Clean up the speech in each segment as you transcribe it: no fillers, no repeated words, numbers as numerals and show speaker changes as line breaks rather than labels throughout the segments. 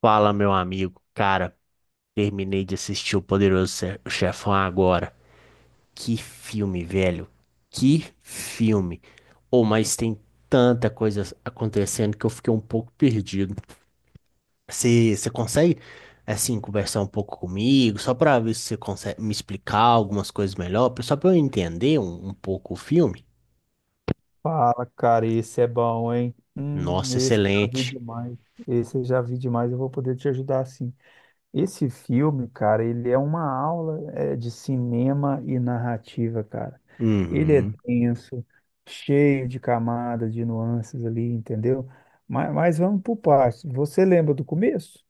Fala, meu amigo. Cara, terminei de assistir O Poderoso Chefão agora. Que filme, velho. Que filme. Oh, mas tem tanta coisa acontecendo que eu fiquei um pouco perdido. Você consegue, assim, conversar um pouco comigo? Só pra ver se você consegue me explicar algumas coisas melhor, só pra eu entender um pouco o filme?
Fala, cara, esse é bom, hein?
Nossa,
Esse eu já vi
excelente.
demais. Esse eu já vi demais, eu vou poder te ajudar sim. Esse filme, cara, ele é uma aula é, de cinema e narrativa, cara. Ele é
Uhum.
denso, cheio de camadas, de nuances ali, entendeu? Mas vamos por partes. Você lembra do começo?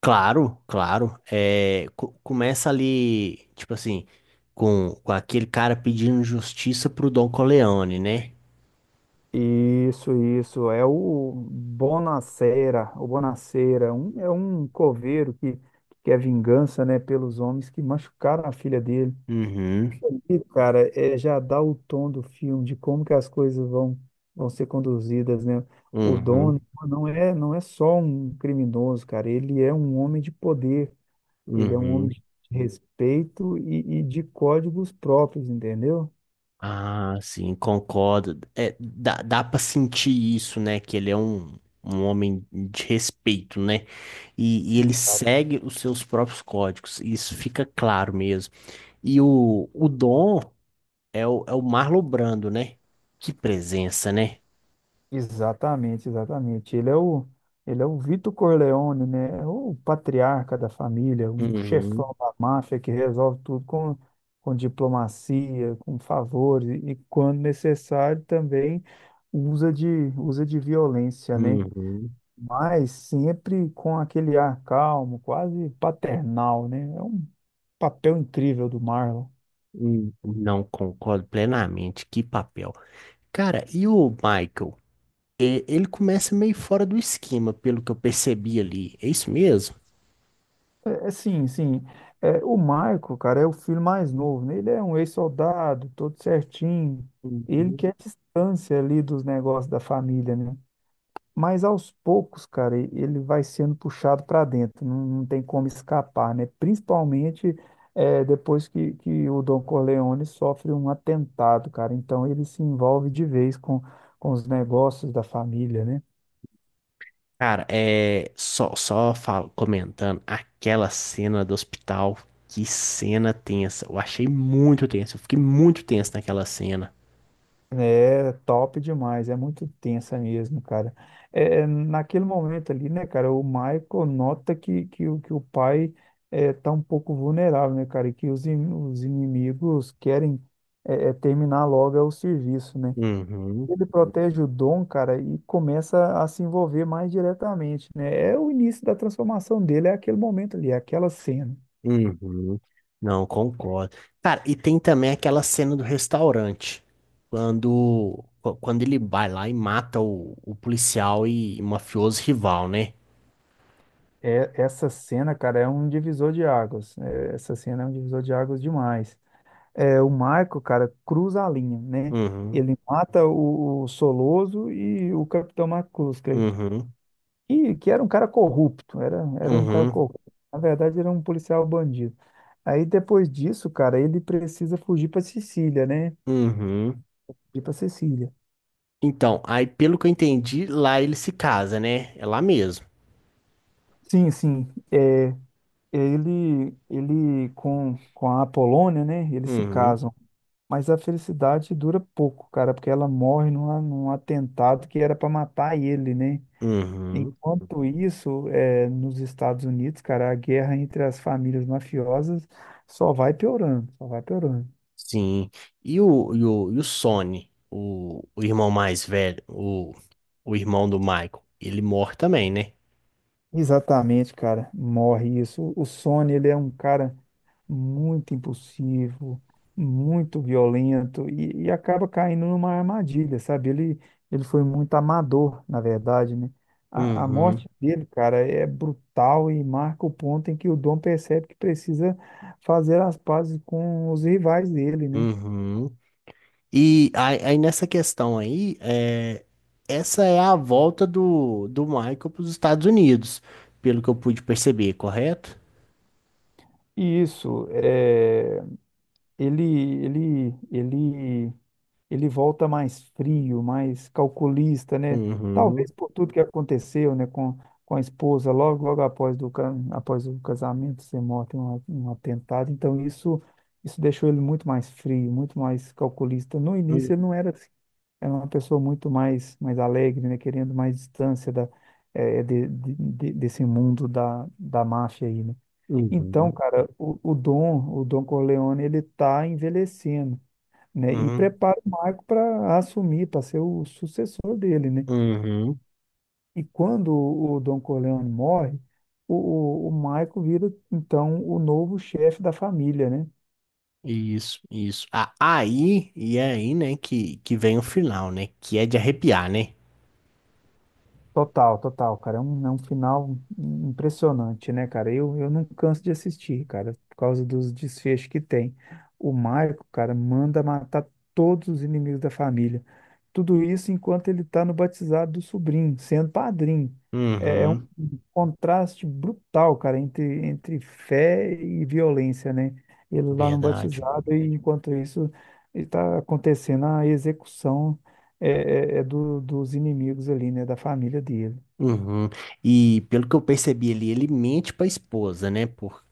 Claro, claro. É, começa ali, tipo assim, com aquele cara pedindo justiça pro Don Corleone, né?
Isso, isso. É o Bonacera. O Bonacera é um coveiro que quer vingança, né, pelos homens que machucaram a filha dele.
Uhum,
E, cara, é, já dá o tom do filme, de como que as coisas vão, vão ser conduzidas, né? O
uhum,
dono não é só um criminoso, cara. Ele é um homem de poder. Ele é um homem
uhum.
de respeito e de códigos próprios, entendeu?
Ah, sim, concordo. É, dá pra sentir isso, né? Que ele é um, um homem de respeito, né? E ele segue os seus próprios códigos. Isso fica claro mesmo. E o Dom é é o Marlon Brando, né? Que presença, né?
Exatamente, exatamente. Ele é o Vito Corleone, né? É o patriarca da família, um chefão
Uhum.
da máfia que resolve tudo com diplomacia, com favores e, quando necessário também usa usa de violência, né?
Uhum.
Mas sempre com aquele ar calmo, quase paternal, né? É um papel incrível do Marlon.
Não concordo plenamente. Que papel. Cara, e o Michael? Ele começa meio fora do esquema, pelo que eu percebi ali. É isso mesmo?
É, sim, sim. É, o Marco, cara, é o filho mais novo, né? Ele é um ex-soldado, todo certinho. Ele
Uhum.
quer distância ali dos negócios da família, né? Mas aos poucos, cara, ele vai sendo puxado para dentro, não tem como escapar, né? Principalmente é, depois que o Don Corleone sofre um atentado, cara. Então ele se envolve de vez com os negócios da família, né?
Cara, é comentando aquela cena do hospital. Que cena tensa. Eu achei muito tensa. Eu fiquei muito tenso naquela cena.
É top demais, é muito tensa mesmo, cara. É, naquele momento ali, né, cara, o Michael nota que o pai é, tá um pouco vulnerável, né, cara, e que os inimigos querem terminar logo é o serviço, né?
Uhum.
Ele protege o Dom, cara, e começa a se envolver mais diretamente, né? É o início da transformação dele, é aquele momento ali, é aquela cena.
Uhum. Não, concordo. Cara, e tem também aquela cena do restaurante, quando ele vai lá e mata o policial e mafioso rival, né?
É, essa cena, cara, é um divisor de águas. É, essa cena é um divisor de águas demais. É, o Marco, cara, cruza a linha, né?
Uhum,
Ele mata o Soloso e o Capitão McCluskey,
uhum,
e que era um cara corrupto, era um cara
uhum,
corrupto. Na verdade, era um policial bandido. Aí depois disso, cara, ele precisa fugir para Sicília, né?
uhum.
Fugir para Sicília.
Então, aí pelo que eu entendi, lá ele se casa, né? É lá mesmo.
Sim, sim. É, ele com a Apolônia, né? Eles se
Uhum,
casam. Mas a felicidade dura pouco, cara, porque ela morre num atentado que era para matar ele, né?
uhum,
Enquanto isso, é, nos Estados Unidos, cara, a guerra entre as famílias mafiosas só vai piorando, só vai piorando.
sim. E o Sonny, o irmão mais velho, o irmão do Michael, ele morre também, né?
Exatamente, cara, morre isso. O Sony, ele é um cara muito impulsivo, muito violento e acaba caindo numa armadilha, sabe? Ele foi muito amador, na verdade, né? A
Uhum.
morte dele, cara, é brutal e marca o ponto em que o Dom percebe que precisa fazer as pazes com os rivais dele, né?
Uhum. E aí nessa questão aí, é, essa é a volta do Michael para os Estados Unidos, pelo que eu pude perceber, correto?
Isso, é, ele, ele, ele, ele volta mais frio, mais calculista, né? Talvez
Uhum.
por tudo que aconteceu, né, com a esposa, logo, logo após, após o casamento ser morto em um, um atentado. Então, isso deixou ele muito mais frio, muito mais calculista. No início, ele
Uhum.
não era assim. Era uma pessoa muito mais, mais alegre, né? Querendo mais distância da, é, desse mundo da, da máfia aí, né? Então,
Uhum.
cara, o Dom Corleone, ele tá envelhecendo, né? E
Uhum.
prepara o Marco para assumir, para ser o sucessor dele, né?
Uhum.
E quando o Dom Corleone morre, o, o Marco vira, então, o novo chefe da família, né?
Isso, isso. Aí, e é aí, né, que vem o final, né? Que é de arrepiar, né?
Total, total, cara. É um final impressionante, né, cara? Eu não canso de assistir, cara, por causa dos desfechos que tem. O Marco, cara, manda matar todos os inimigos da família. Tudo isso enquanto ele está no batizado do sobrinho, sendo padrinho. É, é um
Uhum.
contraste brutal, cara, entre, entre fé e violência, né? Ele lá no
Verdade.
batizado e enquanto isso está acontecendo a execução dos inimigos ali, né? Da família dele.
Uhum. E pelo que eu percebi ali, ele mente pra esposa, né? Por...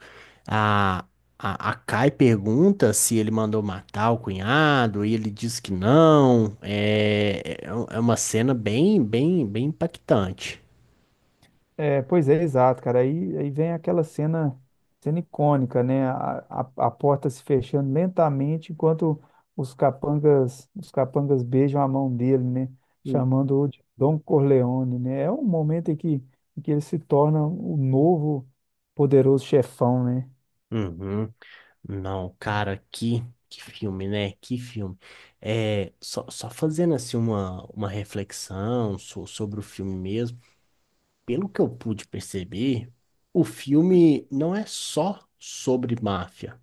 A, a Kai pergunta se ele mandou matar o cunhado e ele diz que não. É, é um, é uma cena bem, bem, bem impactante.
É, pois é, exato, cara. Aí, aí vem aquela cena, cena icônica, né? A porta se fechando lentamente enquanto os capangas beijam a mão dele, né?
Hum.
Chamando-o de Don Corleone, né? É um momento em que ele se torna o novo poderoso chefão, né?
Uhum. Não, cara, que filme, né? Que filme. É, só fazendo assim uma reflexão sobre o filme mesmo. Pelo que eu pude perceber, o filme não é só sobre máfia,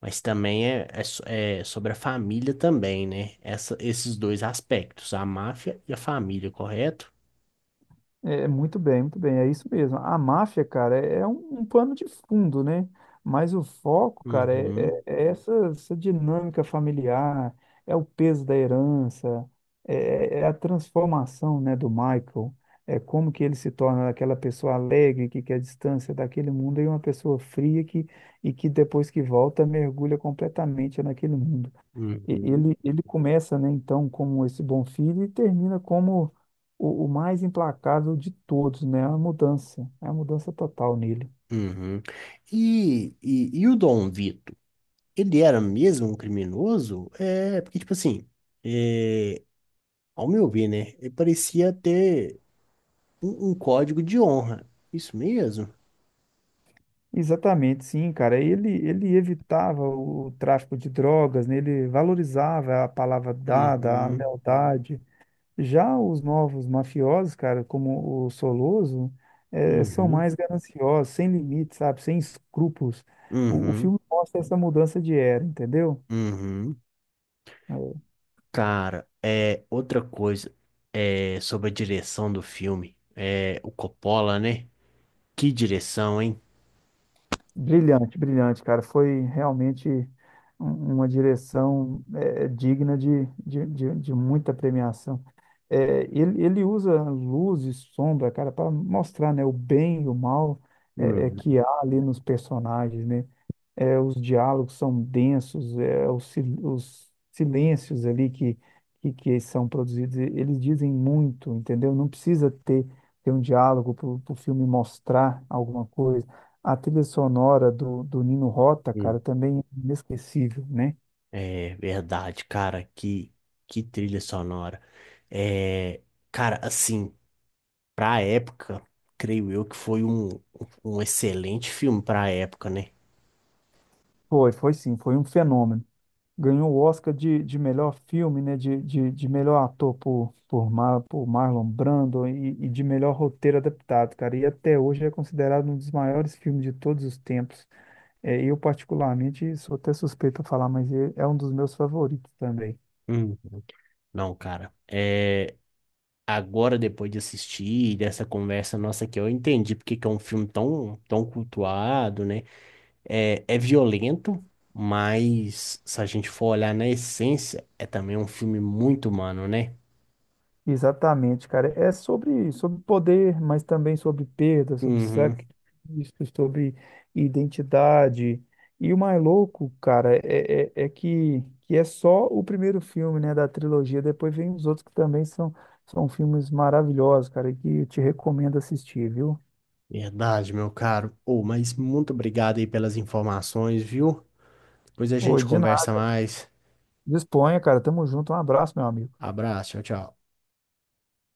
mas também é, é sobre a família também, né? Esses dois aspectos, a máfia e a família, correto?
É, é muito bem, é isso mesmo. A máfia, cara, é um, um pano de fundo, né? Mas o foco, cara, é,
Uhum,
é essa, essa dinâmica familiar, é o peso da herança, é, é a transformação, né, do Michael, é como que ele se torna aquela pessoa alegre que quer distância daquele mundo e uma pessoa fria e que depois que volta mergulha completamente naquele mundo.
uhum,
Ele, ele começa, né, então, como esse bom filho e termina como o mais implacável de todos, né? É uma mudança total nele.
uhum. E, e o Dom Vito, ele era mesmo um criminoso? É, porque, tipo assim, é, ao meu ver, né? Ele parecia ter um um código de honra. Isso mesmo?
Exatamente, sim, cara. Ele evitava o tráfico de drogas, né? Ele valorizava a palavra dada, a
Uhum,
lealdade. Já os novos mafiosos, cara, como o Soloso, são
uhum.
mais gananciosos, sem limites, sabe? Sem escrúpulos. O
Uhum,
filme mostra essa mudança de era, entendeu?
uhum. Cara, é outra coisa é sobre a direção do filme. É o Coppola, né? Que direção, hein?
Brilhante, brilhante, cara. Foi realmente uma direção digna de muita premiação. Ele usa luz e sombra, cara, para mostrar, né, o bem e o mal
Uhum.
que há ali nos personagens, né? É, os diálogos são densos, é, os silêncios ali que são produzidos, eles dizem muito, entendeu? Não precisa ter, ter um diálogo para o filme mostrar alguma coisa. A trilha sonora do, do Nino Rota,
Uhum.
cara, também é inesquecível, né?
É verdade, cara. Que trilha sonora. É, cara, assim, pra época, creio eu que foi um, um excelente filme pra época, né?
Foi, foi sim, foi um fenômeno. Ganhou o Oscar de melhor filme, né? De melhor ator por Marlon Brando e de melhor roteiro adaptado, cara. E até hoje é considerado um dos maiores filmes de todos os tempos. É, eu, particularmente, sou até suspeito a falar, mas é um dos meus favoritos também.
Uhum. Não, cara. É agora, depois de assistir dessa conversa nossa aqui, eu entendi porque que é um filme tão, tão cultuado, né? É, é violento, mas se a gente for olhar na essência, é também um filme muito humano, né?
Exatamente, cara. É sobre, sobre poder, mas também sobre perda, sobre
Uhum,
sacrifício, sobre identidade. E o mais louco, cara, é, é que é só o primeiro filme, né, da trilogia. Depois vem os outros que também são, são filmes maravilhosos, cara, e que eu te recomendo assistir, viu?
verdade, meu caro. Oh, mas muito obrigado aí pelas informações, viu? Depois a
Ô,
gente
de nada.
conversa mais.
Disponha, cara. Tamo junto. Um abraço, meu amigo.
Abraço, tchau, tchau.